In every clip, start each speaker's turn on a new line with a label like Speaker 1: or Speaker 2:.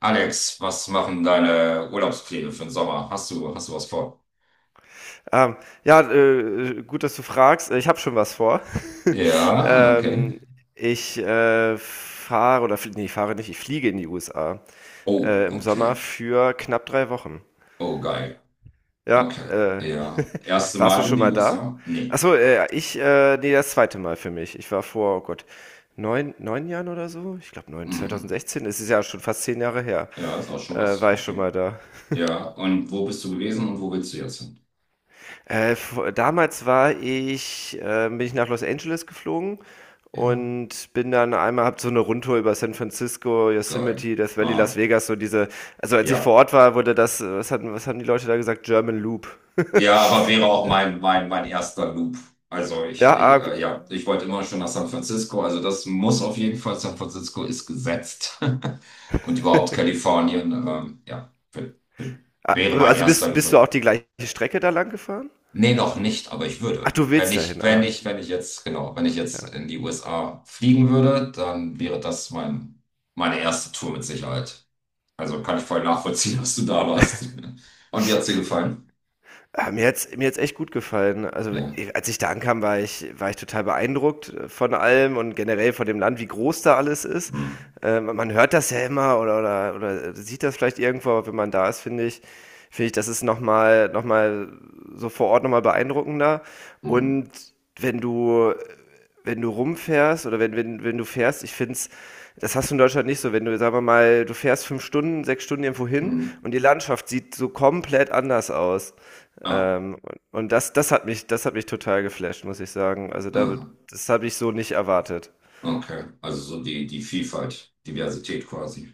Speaker 1: Alex, was machen deine Urlaubspläne für den Sommer? Hast du was vor?
Speaker 2: Ähm, ja, gut, dass du fragst. Ich habe schon was vor.
Speaker 1: Ja, okay.
Speaker 2: ähm, ich fahre oder nee, fahre nicht, ich fliege in die USA,
Speaker 1: Oh,
Speaker 2: im Sommer
Speaker 1: okay.
Speaker 2: für knapp 3 Wochen.
Speaker 1: Oh, geil.
Speaker 2: Ja,
Speaker 1: Okay. Ja. Erste
Speaker 2: warst du
Speaker 1: Mal in
Speaker 2: schon
Speaker 1: die
Speaker 2: mal da?
Speaker 1: USA? Nee.
Speaker 2: Achso, nee, das zweite Mal für mich. Ich war vor, oh Gott, neun Jahren oder so? Ich glaube neun,
Speaker 1: Mhm.
Speaker 2: 2016, es ist ja schon fast 10 Jahre her,
Speaker 1: Ja, ist auch schon was.
Speaker 2: war ich schon
Speaker 1: Okay.
Speaker 2: mal da.
Speaker 1: Ja, und wo bist du gewesen und wo willst du jetzt hin?
Speaker 2: Bin ich nach Los Angeles geflogen
Speaker 1: Ja,
Speaker 2: und hab so eine Rundtour über San Francisco,
Speaker 1: geil.
Speaker 2: Yosemite, Death Valley, Las
Speaker 1: Ah,
Speaker 2: Vegas. Also als ich vor
Speaker 1: ja.
Speaker 2: Ort war, wurde das, was haben die Leute da gesagt? German Loop.
Speaker 1: Ja, aber wäre auch mein erster Loop. Also ich,
Speaker 2: Ja,
Speaker 1: ich ja, ich wollte immer schon nach San Francisco. Also das muss auf jeden Fall, San Francisco ist gesetzt. Und überhaupt Kalifornien, ja, w- wäre mein
Speaker 2: also
Speaker 1: erster
Speaker 2: bist du
Speaker 1: Loop.
Speaker 2: auch die gleiche Strecke da lang gefahren?
Speaker 1: Nee, noch nicht, aber ich
Speaker 2: Ach,
Speaker 1: würde.
Speaker 2: du
Speaker 1: Wenn
Speaker 2: willst dahin,
Speaker 1: ich, wenn ich,
Speaker 2: okay.
Speaker 1: wenn ich jetzt, genau, wenn ich jetzt
Speaker 2: Ja.
Speaker 1: in die USA fliegen würde, dann wäre das meine erste Tour mit Sicherheit. Also kann ich voll nachvollziehen, dass du da warst. Und wie hat's dir gefallen?
Speaker 2: Mir hat's echt gut gefallen. Also,
Speaker 1: Ja.
Speaker 2: als ich da ankam, war ich total beeindruckt, von allem und generell von dem Land, wie groß da alles ist.
Speaker 1: Hm.
Speaker 2: Man hört das ja immer oder sieht das vielleicht irgendwo, aber wenn man da ist, finde ich, das ist nochmal so vor Ort nochmal beeindruckender.
Speaker 1: Hm.
Speaker 2: Und wenn du wenn du rumfährst oder wenn du fährst, ich finde es, das hast du in Deutschland nicht so, wenn du, sagen wir mal, du fährst 5 Stunden, 6 Stunden irgendwo hin und
Speaker 1: Hm.
Speaker 2: die Landschaft sieht so komplett anders aus.
Speaker 1: Ah,
Speaker 2: Ähm, und das hat mich total geflasht, muss ich sagen. Also
Speaker 1: ah,
Speaker 2: das habe ich so nicht erwartet.
Speaker 1: okay. Also so die Vielfalt, Diversität quasi.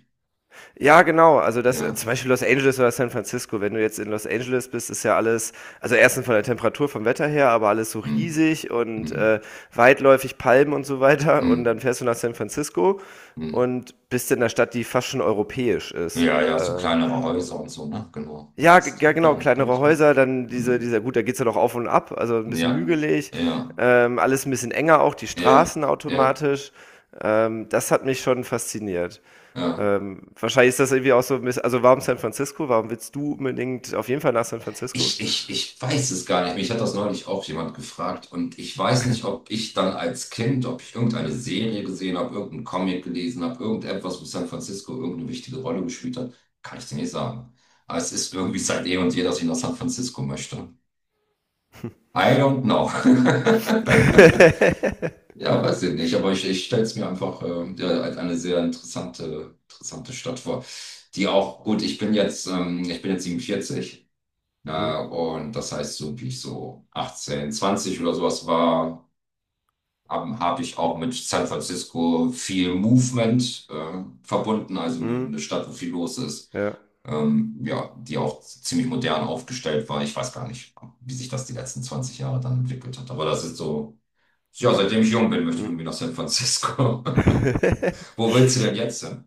Speaker 2: Ja, genau. Also
Speaker 1: Ja.
Speaker 2: zum Beispiel Los Angeles oder San Francisco. Wenn du jetzt in Los Angeles bist, ist ja alles, also erstens von der Temperatur, vom Wetter her, aber alles so
Speaker 1: Hm,
Speaker 2: riesig und,
Speaker 1: hm,
Speaker 2: weitläufig, Palmen und so weiter. Und dann
Speaker 1: hm,
Speaker 2: fährst du nach San Francisco
Speaker 1: hm.
Speaker 2: und bist in einer Stadt, die fast schon europäisch ist.
Speaker 1: Ja, ja, so
Speaker 2: Äh,
Speaker 1: kleinere Häuser und so, ne? Genau.
Speaker 2: ja, g-
Speaker 1: Ist
Speaker 2: ja, genau,
Speaker 1: gar nicht, gar
Speaker 2: kleinere
Speaker 1: nicht, gar nicht.
Speaker 2: Häuser, dann
Speaker 1: Hm.
Speaker 2: dieser, gut, da geht's ja doch auf und ab, also ein
Speaker 1: Ja,
Speaker 2: bisschen hügelig,
Speaker 1: ja,
Speaker 2: alles ein bisschen enger auch, die
Speaker 1: ja,
Speaker 2: Straßen
Speaker 1: ja,
Speaker 2: automatisch. Das hat mich schon fasziniert.
Speaker 1: ja.
Speaker 2: Wahrscheinlich ist das irgendwie auch so, also warum San Francisco? Warum willst du unbedingt auf jeden Fall nach San Francisco?
Speaker 1: Ich weiß es gar nicht. Mich hat das neulich auch jemand gefragt und ich weiß nicht, ob ich dann als Kind, ob ich irgendeine Serie gesehen habe, irgendeinen Comic gelesen habe, irgendetwas, wo San Francisco irgendeine wichtige Rolle gespielt hat, kann ich dir nicht sagen. Aber es ist irgendwie seit eh und je, dass ich nach San Francisco möchte. I don't know. Ja, weiß ich nicht, aber ich stelle es mir einfach ja, als eine sehr interessante, interessante Stadt vor, die auch, gut, ich bin jetzt 47.
Speaker 2: Hm,
Speaker 1: Und das heißt, so wie ich so 18, 20 oder sowas war, hab ich
Speaker 2: hm,
Speaker 1: auch mit San Francisco viel Movement verbunden, also eine,
Speaker 2: hm,
Speaker 1: eine Stadt, wo viel los ist.
Speaker 2: ja.
Speaker 1: Ja, die auch ziemlich modern aufgestellt war. Ich weiß gar nicht, wie sich das die letzten 20 Jahre dann entwickelt hat. Aber das ist so, ja, seitdem ich jung bin, möchte ich
Speaker 2: Hm.
Speaker 1: irgendwie nach San Francisco. Wo willst du denn jetzt hin?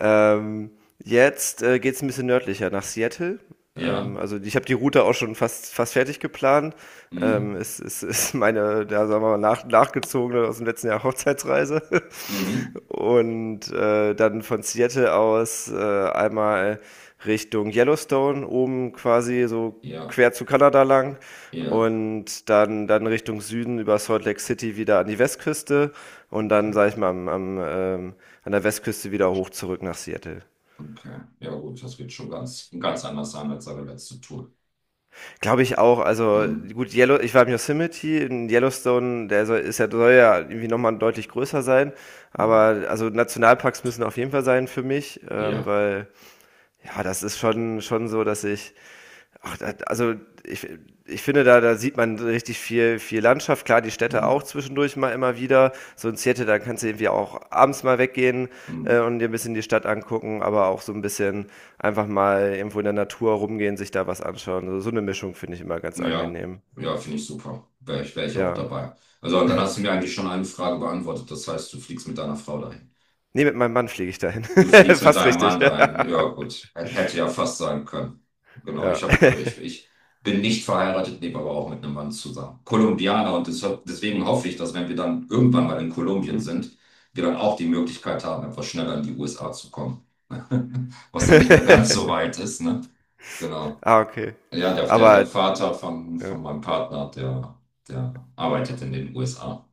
Speaker 2: ähm, jetzt geht es ein bisschen nördlicher nach Seattle.
Speaker 1: Ja.
Speaker 2: Also ich habe die Route auch schon fast fertig geplant.
Speaker 1: Mhm.
Speaker 2: Es ist meine, da sagen wir mal, nachgezogene aus dem letzten Jahr Hochzeitsreise.
Speaker 1: Mhm.
Speaker 2: Und dann von Seattle aus einmal Richtung Yellowstone, oben quasi so
Speaker 1: Ja,
Speaker 2: quer zu Kanada lang
Speaker 1: ja.
Speaker 2: und dann Richtung Süden über Salt Lake City wieder an die Westküste und
Speaker 1: Okay.
Speaker 2: dann, sag ich mal, an der Westküste wieder hoch zurück nach Seattle.
Speaker 1: Okay. Ja, gut, das wird schon ganz, ganz anders sein als seine letzte Tour.
Speaker 2: Glaube ich auch, also
Speaker 1: Hm.
Speaker 2: gut, ich war im Yosemite, in Yellowstone, ist ja, soll ja irgendwie nochmal deutlich größer sein,
Speaker 1: Hm.
Speaker 2: aber also Nationalparks müssen auf jeden Fall sein für mich,
Speaker 1: Ja.
Speaker 2: weil. Ja, das ist schon so, dass ich, ach, da- also ich, ich finde, da sieht man richtig viel Landschaft. Klar, die Städte auch
Speaker 1: Hm.
Speaker 2: zwischendurch mal immer wieder. So in Seattle, da kannst du irgendwie auch abends mal weggehen,
Speaker 1: Hm.
Speaker 2: und dir ein bisschen die Stadt angucken, aber auch so ein bisschen einfach mal irgendwo in der Natur rumgehen, sich da was anschauen. So eine Mischung finde ich immer ganz
Speaker 1: Ja.
Speaker 2: angenehm.
Speaker 1: Ja, finde ich super. Wär ich auch
Speaker 2: Ja.
Speaker 1: dabei. Also, und dann hast du mir eigentlich schon eine Frage beantwortet. Das heißt, du fliegst mit deiner Frau dahin.
Speaker 2: Nee, mit meinem Mann fliege ich dahin.
Speaker 1: Du fliegst mit
Speaker 2: Fast
Speaker 1: deinem
Speaker 2: richtig.
Speaker 1: Mann dahin. Ja, gut. Hätte ja fast sein können. Genau, ich
Speaker 2: Ja.
Speaker 1: hab, äh, ich, ich bin nicht verheiratet, lebe aber auch mit einem Mann zusammen. Kolumbianer und deswegen hoffe ich, dass wenn wir dann irgendwann mal in Kolumbien
Speaker 2: Hm.
Speaker 1: sind, wir dann auch die Möglichkeit haben, etwas schneller in die USA zu kommen. Was dann nicht mehr ganz so weit ist, ne? Genau.
Speaker 2: Okay.
Speaker 1: Ja, der
Speaker 2: Aber
Speaker 1: Vater von,
Speaker 2: ja.
Speaker 1: von meinem Partner, der arbeitet in den USA.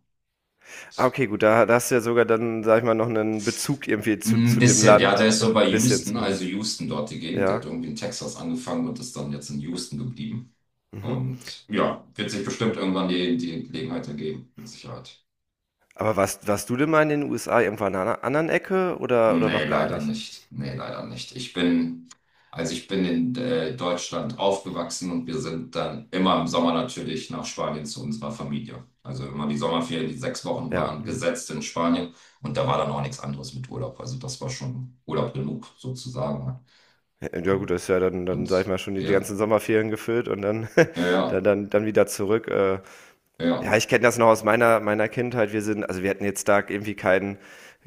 Speaker 2: Okay, gut, da hast du ja sogar dann, sag ich mal, noch einen Bezug irgendwie
Speaker 1: Ein
Speaker 2: zu dem
Speaker 1: bisschen, ja, der
Speaker 2: Land.
Speaker 1: ist so
Speaker 2: Äh,
Speaker 1: bei
Speaker 2: bisschen
Speaker 1: Houston, also
Speaker 2: zumindest.
Speaker 1: Houston dort die Gegend. Der hat
Speaker 2: Ja.
Speaker 1: irgendwie in Texas angefangen und ist dann jetzt in Houston geblieben.
Speaker 2: Mhm.
Speaker 1: Und ja, wird sich bestimmt irgendwann die Gelegenheit ergeben, mit Sicherheit.
Speaker 2: Aber warst du denn mal in den USA irgendwann an einer anderen Ecke oder
Speaker 1: Nee,
Speaker 2: noch gar
Speaker 1: leider
Speaker 2: nicht?
Speaker 1: nicht. Nee, leider nicht. Also ich bin in Deutschland aufgewachsen und wir sind dann immer im Sommer natürlich nach Spanien zu unserer Familie. Also immer die Sommerferien, die 6 Wochen
Speaker 2: Ja.
Speaker 1: waren,
Speaker 2: Mhm.
Speaker 1: gesetzt in Spanien. Und da war dann auch nichts anderes mit Urlaub. Also das war schon Urlaub genug, sozusagen, ne?
Speaker 2: Ja gut, das ist ja dann sag ich
Speaker 1: Und
Speaker 2: mal, schon die
Speaker 1: ja,
Speaker 2: ganzen Sommerferien gefüllt und
Speaker 1: ja, ja.
Speaker 2: dann wieder zurück.
Speaker 1: Ja.
Speaker 2: Ja, ich kenne das noch aus meiner Kindheit. Also wir hatten jetzt da irgendwie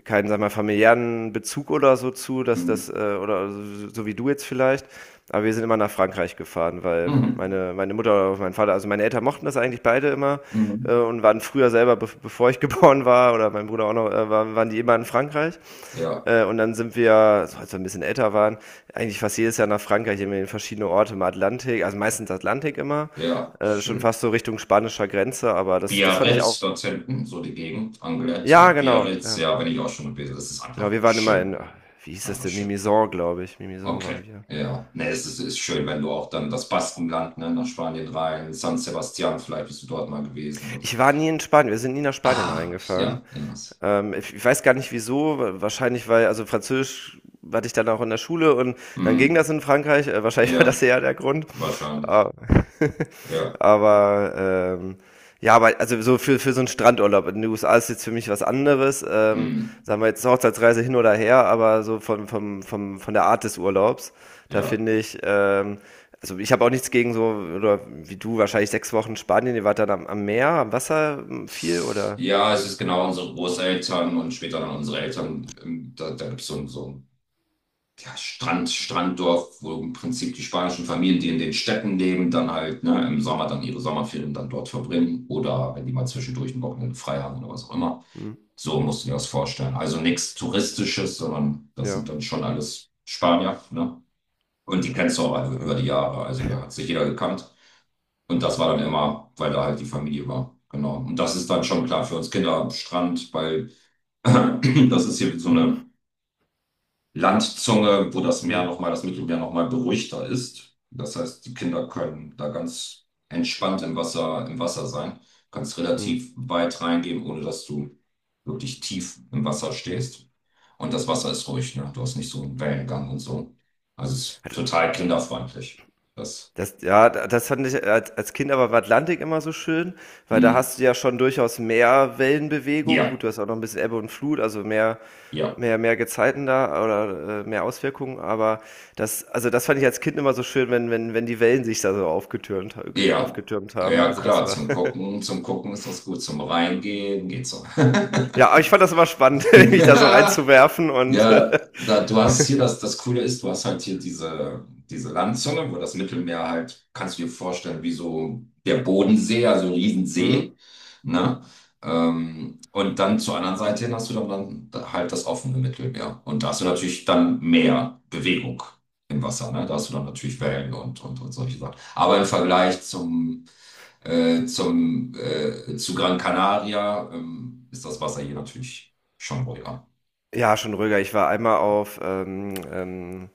Speaker 2: keinen, sag mal, familiären Bezug oder so zu, dass das,
Speaker 1: Mhm.
Speaker 2: oder so wie du jetzt vielleicht. Aber wir sind immer nach Frankreich gefahren, weil
Speaker 1: Mhm.
Speaker 2: meine Mutter oder mein Vater, also meine Eltern mochten das eigentlich beide immer,
Speaker 1: Mhm.
Speaker 2: und waren früher selber, be bevor ich geboren war, oder mein Bruder auch noch, waren die immer in Frankreich.
Speaker 1: Ja,
Speaker 2: Und dann sind wir, so als wir ein bisschen älter waren, eigentlich fast jedes Jahr nach Frankreich, immer in verschiedene Orte im Atlantik, also meistens Atlantik immer,
Speaker 1: ja,
Speaker 2: schon
Speaker 1: schön.
Speaker 2: fast so Richtung spanischer Grenze, aber das fand ich
Speaker 1: Biarritz
Speaker 2: auch.
Speaker 1: dort hinten, so die Gegend, Anglet
Speaker 2: Ja,
Speaker 1: und
Speaker 2: genau,
Speaker 1: Biarritz,
Speaker 2: ja.
Speaker 1: ja, bin ich auch schon gewesen. Das ist
Speaker 2: Genau,
Speaker 1: einfach
Speaker 2: wir waren immer in,
Speaker 1: schön.
Speaker 2: wie
Speaker 1: Das ist
Speaker 2: hieß das
Speaker 1: einfach
Speaker 2: denn?
Speaker 1: schön.
Speaker 2: Mimizan, glaube ich. Mimizan
Speaker 1: Okay.
Speaker 2: waren wir.
Speaker 1: Ja, ne, es ist schön, wenn du auch dann das Baskenland, ne, nach Spanien rein, San Sebastian, vielleicht bist du dort mal gewesen oder so.
Speaker 2: Ich war nie in Spanien, wir sind nie nach Spanien
Speaker 1: Ah,
Speaker 2: reingefahren.
Speaker 1: ja, ja.
Speaker 2: Ich weiß gar nicht wieso, wahrscheinlich weil, also Französisch hatte ich dann auch in der Schule und dann ging
Speaker 1: Mhm.
Speaker 2: das in Frankreich, wahrscheinlich war das
Speaker 1: Ja,
Speaker 2: eher der Grund.
Speaker 1: wahrscheinlich.
Speaker 2: Ah,
Speaker 1: Ja,
Speaker 2: Aber ähm, ja, aber also so für so einen Strandurlaub in den USA ist jetzt für mich was anderes.
Speaker 1: mhm.
Speaker 2: Sagen wir jetzt Hochzeitsreise hin oder her, aber so von der Art des Urlaubs, da
Speaker 1: Ja.
Speaker 2: finde ich, also ich habe auch nichts gegen so, oder wie du, wahrscheinlich 6 Wochen Spanien, ihr wart dann am Meer, am Wasser viel oder?
Speaker 1: Ja, es ist genau unsere Großeltern und später dann unsere Eltern. Da gibt es so ein ja, Strand, Stranddorf, wo im Prinzip die spanischen Familien, die in den Städten leben, dann halt ne, im Sommer dann ihre Sommerferien dann dort verbringen oder wenn die mal zwischendurch ein Wochenende frei haben oder was auch immer.
Speaker 2: Hm,
Speaker 1: So musst du dir das vorstellen. Also nichts Touristisches, sondern das
Speaker 2: ja.
Speaker 1: sind dann schon alles Spanier. Ne? Und die kennst du auch einfach über
Speaker 2: Ja.
Speaker 1: die Jahre. Also da hat sich jeder gekannt. Und das war dann immer, weil da halt die Familie war. Genau. Und das ist dann schon klar für uns Kinder am Strand, weil das ist hier so eine Landzunge, wo das Meer
Speaker 2: Mhm.
Speaker 1: nochmal, das Mittelmeer nochmal beruhigter ist. Das heißt, die Kinder können da ganz entspannt im Wasser sein. Kannst
Speaker 2: Mhm.
Speaker 1: relativ weit reingehen, ohne dass du wirklich tief im Wasser stehst. Und das Wasser ist ruhig, ne? Du hast nicht so einen Wellengang und so. Also es ist
Speaker 2: Hat-
Speaker 1: total kinderfreundlich. Das,
Speaker 2: Ja, das fand ich als Kind aber im Atlantik immer so schön, weil da
Speaker 1: hm,
Speaker 2: hast du ja schon durchaus mehr Wellenbewegung.
Speaker 1: ja,
Speaker 2: Gut, du hast auch noch ein bisschen Ebbe und Flut, also
Speaker 1: ja.
Speaker 2: mehr Gezeiten da oder mehr Auswirkungen. Aber also das fand ich als Kind immer so schön, wenn die Wellen sich da so
Speaker 1: Ja,
Speaker 2: aufgetürmt haben.
Speaker 1: ja
Speaker 2: Also das
Speaker 1: klar,
Speaker 2: war,
Speaker 1: zum Gucken, zum Gucken ist das gut, zum Reingehen geht's so.
Speaker 2: ja, aber ich fand das immer spannend, mich da so reinzuwerfen und,
Speaker 1: Ja, du hast hier das, das, Coole ist, du hast halt hier diese Landzunge, wo das Mittelmeer halt, kannst du dir vorstellen, wie so der Bodensee, also ein
Speaker 2: mhm.
Speaker 1: Riesensee, ne? Und dann zur anderen Seite hin hast du dann halt das offene Mittelmeer. Und da hast du natürlich dann mehr Bewegung im Wasser, ne? Da hast du dann natürlich Wellen und solche Sachen. Aber im Vergleich zu Gran Canaria, ist das Wasser hier natürlich schon ruhiger.
Speaker 2: Ja, schon ruhiger. Ich war einmal auf,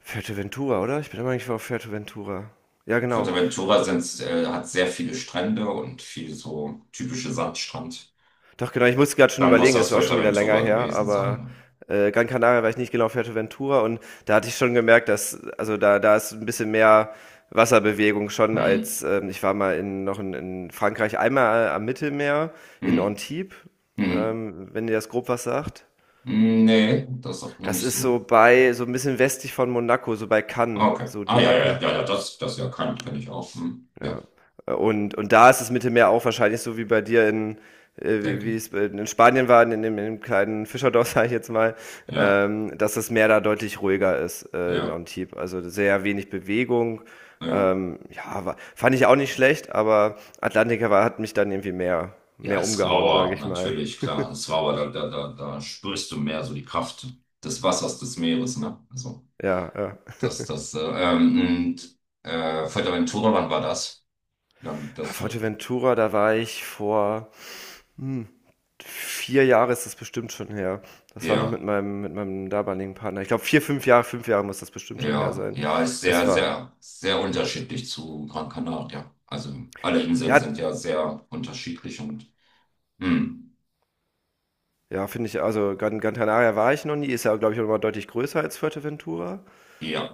Speaker 2: Fuerteventura, oder? Ich bin immer eigentlich auf Fuerteventura. Ja, genau.
Speaker 1: Fuerteventura hat sehr viele Strände und viel so typische Sandstrand.
Speaker 2: Doch, genau. Ich musste gerade schon
Speaker 1: Dann muss
Speaker 2: überlegen, es
Speaker 1: das
Speaker 2: ist auch schon wieder länger
Speaker 1: Fuerteventura
Speaker 2: her,
Speaker 1: gewesen
Speaker 2: aber
Speaker 1: sein.
Speaker 2: Gran Canaria war ich nicht, genau, auf Fuerteventura, und da hatte ich schon gemerkt, also da ist ein bisschen mehr Wasserbewegung schon,
Speaker 1: Hm,
Speaker 2: als, ich war mal in Frankreich einmal, am Mittelmeer, in
Speaker 1: hm,
Speaker 2: Antibes,
Speaker 1: hm.
Speaker 2: wenn ihr das grob was sagt.
Speaker 1: Hm, nee, das sagt mir
Speaker 2: Das
Speaker 1: nicht
Speaker 2: ist
Speaker 1: so.
Speaker 2: so bei, so ein bisschen westlich von Monaco, so bei
Speaker 1: Ah,
Speaker 2: Cannes,
Speaker 1: okay.
Speaker 2: so
Speaker 1: Ah,
Speaker 2: die
Speaker 1: ja, ja, ja,
Speaker 2: Ecke.
Speaker 1: ja, das ja kann ich auch. Hm. Ja,
Speaker 2: Ja. Und da ist das Mittelmeer auch wahrscheinlich so wie bei dir in,
Speaker 1: denke
Speaker 2: wie
Speaker 1: ich.
Speaker 2: es in Spanien war, in dem kleinen Fischerdorf, sage ich jetzt mal,
Speaker 1: Ja,
Speaker 2: dass das Meer da deutlich ruhiger ist, in
Speaker 1: ja,
Speaker 2: Antibes. Also sehr wenig Bewegung.
Speaker 1: ja.
Speaker 2: Ja, fand ich auch nicht schlecht, aber Atlantica war, hat mich dann irgendwie
Speaker 1: Ja,
Speaker 2: mehr
Speaker 1: ist
Speaker 2: umgehauen, sage
Speaker 1: rauer,
Speaker 2: ich mal.
Speaker 1: natürlich, klar. Ist rauer, da spürst du mehr so die Kraft des Wassers, des Meeres, ne? Also,
Speaker 2: Ja, ja.
Speaker 1: das, das, äh, ähm, und, Fuerteventura, wann war das? Wie lange liegt das zurück?
Speaker 2: Fuerteventura, da war ich vor Hm, 4 Jahre ist das bestimmt schon her. Das war noch mit
Speaker 1: Ja,
Speaker 2: meinem mit meinem damaligen Partner. Ich glaube 4, 5 Jahre muss das bestimmt schon her
Speaker 1: ja,
Speaker 2: sein.
Speaker 1: ja, ist
Speaker 2: Das
Speaker 1: sehr,
Speaker 2: war
Speaker 1: sehr, sehr unterschiedlich zu Gran Canaria. Also alle Inseln
Speaker 2: Ja,
Speaker 1: sind ja sehr unterschiedlich und hm,
Speaker 2: ja, finde ich, also Gran Canaria war ich noch nie, ist ja, glaube ich, auch noch mal deutlich größer als Fuerteventura.
Speaker 1: ja.